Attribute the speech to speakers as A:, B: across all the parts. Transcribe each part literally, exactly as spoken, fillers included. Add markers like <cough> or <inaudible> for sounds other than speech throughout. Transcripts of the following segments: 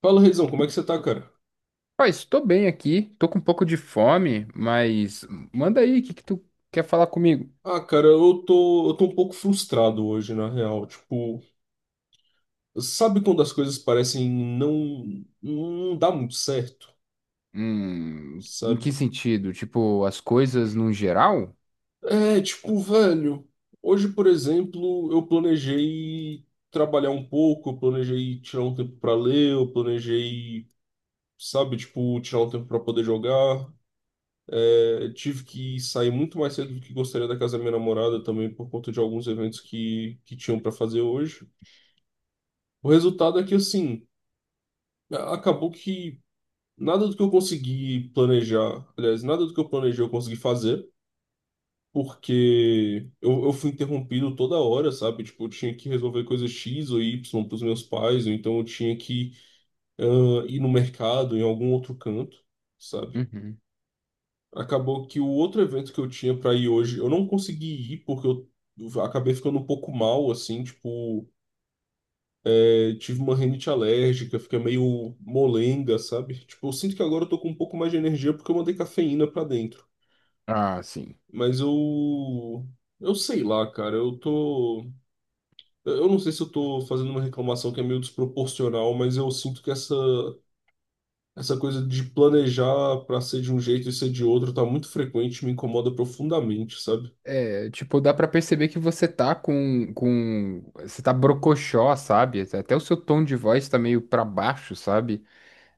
A: Fala, Reizão, como é que você tá, cara?
B: Ó, estou bem aqui, tô com um pouco de fome, mas manda aí, o que que tu quer falar comigo?
A: Ah, cara, eu tô, eu tô um pouco frustrado hoje, na real. Tipo, sabe quando as coisas parecem não, não dar muito certo,
B: Hum, em que
A: sabe?
B: sentido? Tipo, as coisas num geral?
A: É, tipo, velho, hoje, por exemplo, eu planejei trabalhar um pouco, eu planejei tirar um tempo pra ler, eu planejei, sabe, tipo, tirar um tempo pra poder jogar. É, tive que sair muito mais cedo do que gostaria da casa da minha namorada também por conta de alguns eventos que, que tinham pra fazer hoje. O resultado é que, assim, acabou que nada do que eu consegui planejar, aliás, nada do que eu planejei eu consegui fazer, porque eu, eu fui interrompido toda hora, sabe? Tipo, eu tinha que resolver coisa X ou Y para os meus pais, ou então eu tinha que ah, ir no mercado, em algum outro canto, sabe?
B: Uhum.
A: Acabou que o outro evento que eu tinha para ir hoje, eu não consegui ir porque eu acabei ficando um pouco mal, assim, tipo. Eu tive uma rinite alérgica, fica meio molenga, sabe? Tipo, eu sinto que agora eu tô com um pouco mais de energia porque eu mandei cafeína pra dentro.
B: Ah, sim.
A: Mas eu. Eu sei lá, cara. Eu tô. Eu não sei se eu tô fazendo uma reclamação que é meio desproporcional, mas eu sinto que essa, essa coisa de planejar pra ser de um jeito e ser de outro tá muito frequente, me incomoda profundamente, sabe?
B: É, tipo, dá pra perceber que você tá com, com... Você tá brocochó, sabe? Até o seu tom de voz tá meio pra baixo, sabe?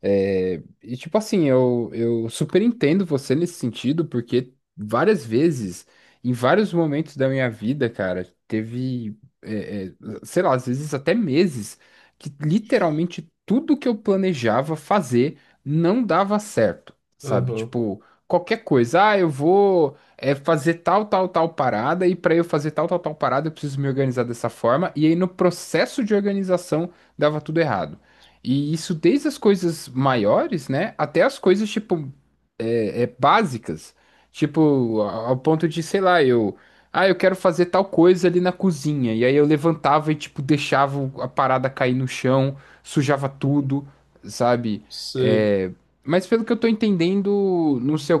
B: É, e tipo assim, eu, eu super entendo você nesse sentido, porque várias vezes, em vários momentos da minha vida, cara, teve, é, é, sei lá, às vezes até meses, que literalmente tudo que eu planejava fazer não dava certo, sabe?
A: Aham,
B: Tipo, qualquer coisa, ah, eu vou, é, fazer tal, tal, tal parada, e para eu fazer tal, tal, tal parada, eu preciso me organizar dessa forma, e aí no processo de organização dava tudo errado. E isso desde as coisas maiores, né, até as coisas tipo é, é básicas, tipo, a- ao ponto de, sei lá, eu, ah, eu quero fazer tal coisa ali na cozinha, e aí eu levantava e, tipo, deixava o- a parada cair no chão, sujava tudo, sabe?
A: sei.
B: É, mas pelo que eu tô entendendo, no seu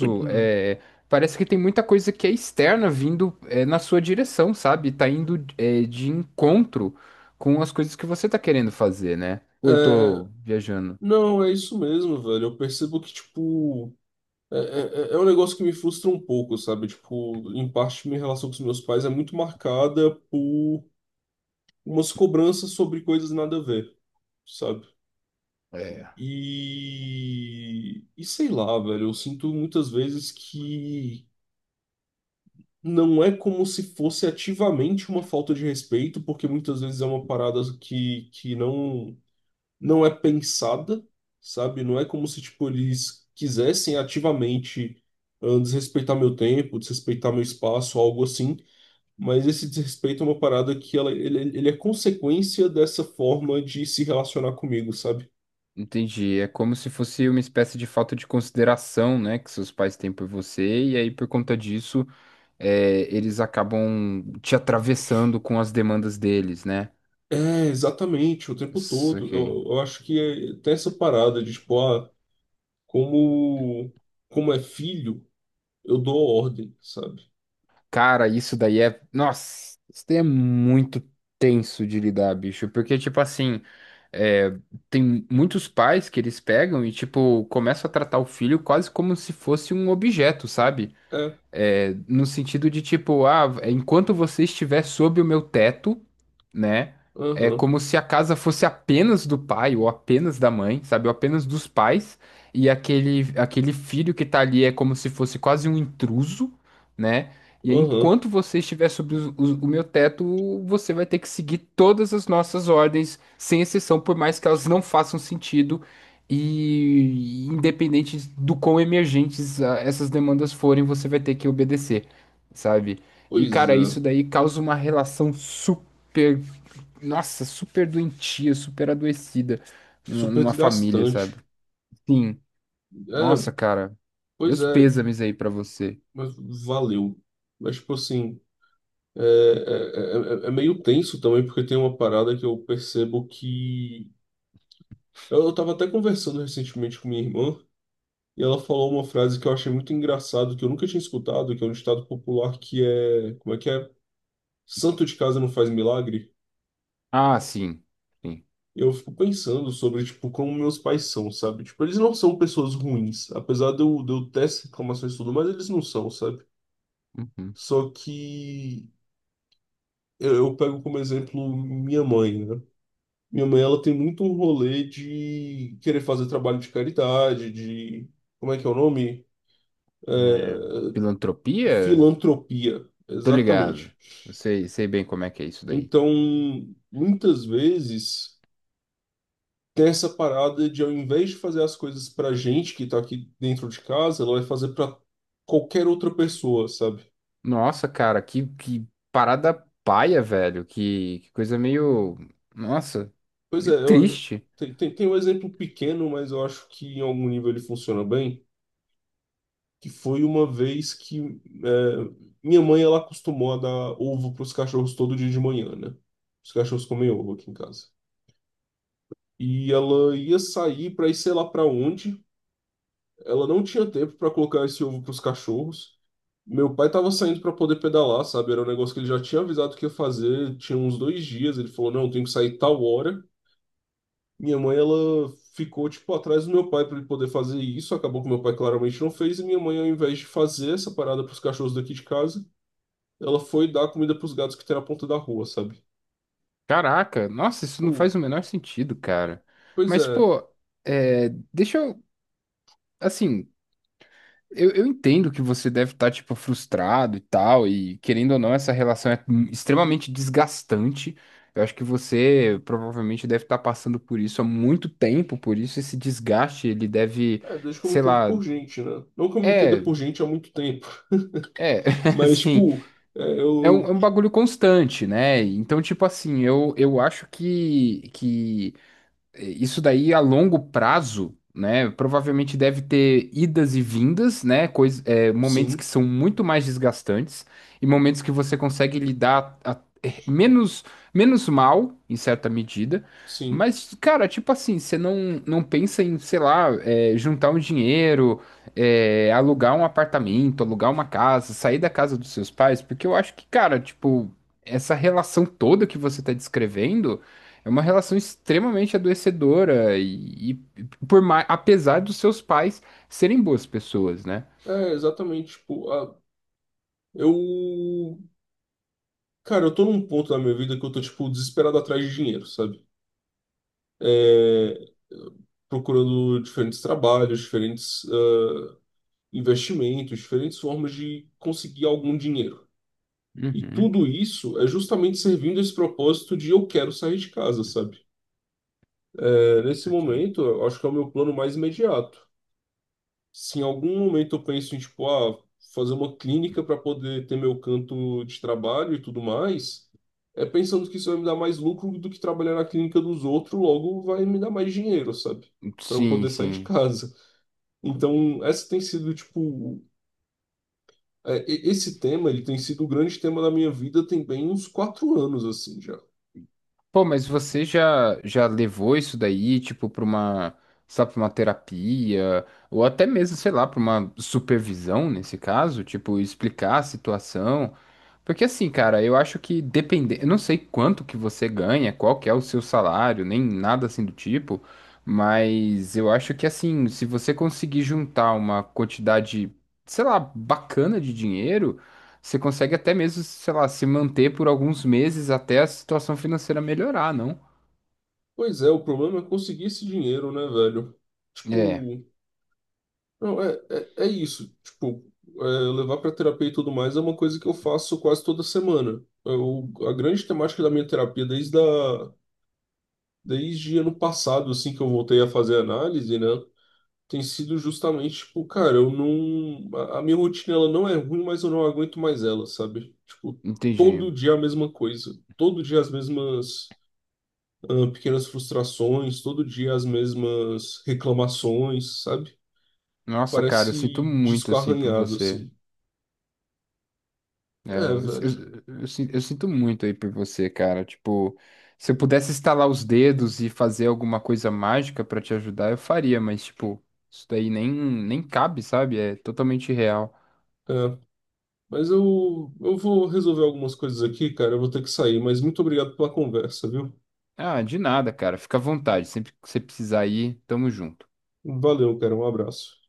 A: <clears throat> Hum.
B: é, parece que tem muita coisa que é externa vindo, é, na sua direção, sabe? Tá indo, é, de encontro com as coisas que você tá querendo fazer, né? Ou eu tô viajando?
A: Não, é isso mesmo, velho. Eu percebo que, tipo. É, é, é é um negócio que me frustra um pouco, sabe? Tipo, em parte minha relação com os meus pais é muito marcada por umas cobranças sobre coisas nada a ver, sabe?
B: É.
A: E, e sei lá, velho, eu sinto muitas vezes que não é como se fosse ativamente uma falta de respeito, porque muitas vezes é uma parada que, que não não é pensada, sabe? Não é como se, tipo, eles quisessem ativamente ah, desrespeitar meu tempo, desrespeitar meu espaço, algo assim. Mas esse desrespeito é uma parada que ela, ele, ele é consequência dessa forma de se relacionar comigo, sabe?
B: Entendi. É como se fosse uma espécie de falta de consideração, né, que seus pais têm por você, e aí por conta disso, é, eles acabam te atravessando com as demandas deles, né?
A: É, exatamente, o tempo
B: Isso
A: todo.
B: aqui.
A: Eu, eu acho que é, tem essa parada de, tipo, ah, como, como é filho, eu dou ordem, sabe?
B: Cara, isso daí é. Nossa, isso daí é muito tenso de lidar, bicho, porque, tipo assim. É, tem muitos pais que eles pegam e, tipo, começam a tratar o filho quase como se fosse um objeto, sabe?
A: É,
B: É, no sentido de tipo, ah, enquanto você estiver sob o meu teto, né? É
A: aham,
B: como se a casa fosse apenas do pai ou apenas da mãe, sabe? Ou apenas dos pais. E aquele, aquele filho que tá ali é como se fosse quase um intruso, né? E aí,
A: aham,
B: enquanto você estiver sobre os- os- o meu teto, você vai ter que seguir todas as nossas ordens, sem exceção, por mais que elas não façam sentido e independente do quão emergentes ah, essas demandas forem, você vai ter que obedecer, sabe? E
A: pois
B: cara, isso
A: é.
B: daí causa uma relação super nossa, super doentia, super adoecida numa
A: Super
B: numa família, sabe?
A: desgastante.
B: Sim. Nossa,
A: É,
B: cara.
A: pois
B: Meus
A: é,
B: pêsames aí pra você.
A: mas valeu. Mas, tipo assim, é, é, é- é é meio tenso também, porque tem uma parada que eu percebo que. Eu, eu tava até conversando recentemente com minha irmã, e ela falou uma frase que eu achei muito engraçado, que eu nunca tinha escutado, que é um ditado popular que é. Como é que é? Santo de casa não faz milagre.
B: Ah, sim. Sim.
A: Eu fico pensando sobre, tipo, como meus pais são, sabe? Tipo, eles não são pessoas ruins. Apesar de eu, de eu ter essas reclamações e tudo, mas eles não são, sabe?
B: Uhum.
A: Só que eu, eu pego como exemplo minha mãe, né? Minha mãe, ela tem muito um rolê de querer fazer trabalho de caridade, de... Como é que é o nome?
B: É,
A: De
B: filantropia?
A: filantropia,
B: Tô ligado.
A: exatamente.
B: Eu sei, sei bem como é que é isso daí.
A: Então, muitas vezes, tem essa parada de, ao invés de fazer as coisas pra gente que tá aqui dentro de casa, ela vai fazer pra qualquer outra pessoa, sabe?
B: Nossa, cara, que, que parada paia, velho. Que, que coisa meio. Nossa,
A: Pois é,
B: meio
A: eu...
B: triste.
A: Tem, tem, tem um exemplo pequeno, mas eu acho que em algum nível ele funciona bem que foi uma vez que é, minha mãe ela acostumou a dar ovo para os cachorros todo dia de manhã, né? Os cachorros comem ovo aqui em casa. E ela ia sair para ir sei lá para onde. Ela não tinha tempo para colocar esse ovo para os cachorros. Meu pai estava saindo para poder pedalar, sabe? Era um negócio que ele já tinha avisado que ia fazer, tinha uns dois dias. Ele falou: Não, tenho que sair tal hora. Minha mãe, ela ficou, tipo, atrás do meu pai para ele poder fazer isso. Acabou que meu pai claramente não fez. E minha mãe, ao invés de fazer essa parada para os cachorros daqui de casa, ela foi dar comida pros gatos que tem na ponta da rua, sabe?
B: Caraca, nossa, isso não
A: Pô,
B: faz o menor sentido, cara.
A: pois
B: Mas,
A: é.
B: pô, é, deixa eu. Assim, Eu, eu entendo que você deve estar, tipo, frustrado e tal, e querendo ou não, essa relação é hum, extremamente desgastante. Eu acho que você provavelmente deve estar passando por isso há muito tempo, por isso esse desgaste, ele deve,
A: É, desde que eu me
B: sei
A: entendo
B: lá,
A: por gente, né? Não que eu me entenda
B: é,
A: por gente há muito tempo.
B: é,
A: <laughs>
B: <laughs>
A: Mas,
B: assim,
A: tipo, é,
B: é um, é
A: eu, eu-
B: um bagulho constante, né? Então, tipo assim, eu, eu acho que, que é, isso daí a longo prazo, né? Provavelmente deve ter idas e vindas, né? Coisa, é, momentos que
A: Sim,
B: são muito mais desgastantes e momentos que você consegue lidar a- é, menos, menos mal, em certa medida.
A: sim.
B: Mas, cara, tipo assim, você não, não pensa em, sei lá, é, juntar um dinheiro, é, alugar um apartamento, alugar uma casa, sair da casa dos seus pais, porque eu acho que, cara, tipo, essa relação toda que você tá descrevendo. É uma relação extremamente adoecedora e, e por mais, apesar dos seus pais serem boas pessoas, né?
A: É, exatamente. Tipo, a- eu. Cara, eu tô num ponto da minha vida que eu tô, tipo, desesperado atrás de dinheiro, sabe? É, procurando diferentes trabalhos, diferentes ah, investimentos, diferentes formas de conseguir algum dinheiro. E
B: Uhum.
A: tudo isso é justamente servindo esse propósito de eu quero sair de casa, sabe? É, nesse
B: Saquei.
A: momento, eu acho que é o meu plano mais imediato. Se em algum momento eu penso em, tipo, ah, fazer uma clínica para poder ter meu canto de trabalho e tudo mais, é pensando que isso vai me dar mais lucro do que trabalhar na clínica dos outros, logo vai me dar mais dinheiro, sabe? Para eu
B: Sim,
A: poder sair de
B: sim.
A: casa. Então, essa tem sido, tipo, é, e- esse tema, ele tem sido o grande tema da minha vida tem bem uns quatro anos, assim, já.
B: Pô, mas você já, já levou isso daí, tipo, pra uma, sabe, pra uma terapia, ou até mesmo, sei lá, pra uma supervisão, nesse caso, tipo, explicar a situação. Porque assim, cara, eu acho que depende, eu não sei quanto que você ganha, qual que é o seu salário, nem nada assim do tipo, mas eu acho que assim, se você conseguir juntar uma quantidade, sei lá, bacana de dinheiro, você consegue até mesmo, sei lá, se manter por alguns meses até a situação financeira melhorar, não?
A: Pois é, o problema é conseguir esse dinheiro, né, velho?
B: É,
A: Tipo, não, é, é, é isso. Tipo, é, levar pra terapia e tudo mais é uma coisa que eu faço quase toda semana. Eu, a grande temática da minha terapia desde, a, desde ano passado, assim, que eu voltei a fazer análise, né, tem sido justamente, tipo, cara, eu não. A, a minha rotina, ela não é ruim, mas eu não aguento mais ela, sabe? Tipo,
B: entendi.
A: todo dia a mesma coisa. Todo dia as mesmas. Ah, pequenas frustrações, todo dia as mesmas reclamações, sabe?
B: Nossa, cara, eu sinto
A: Parece
B: muito
A: disco
B: assim por
A: arranhado,
B: você.
A: assim.
B: É,
A: É,
B: eu,
A: velho.
B: eu- eu sin- eu sinto muito aí por você, cara. Tipo, se eu pudesse estalar os dedos e fazer alguma coisa mágica pra te ajudar, eu faria, mas, tipo, isso daí nem, nem cabe, sabe? É totalmente real.
A: É. Mas eu, eu vou resolver algumas coisas aqui, cara. Eu vou ter que sair, mas muito obrigado pela conversa, viu?
B: Ah, de nada, cara. Fica à vontade. Sempre que você precisar ir, tamo junto.
A: Valeu, cara. Um abraço.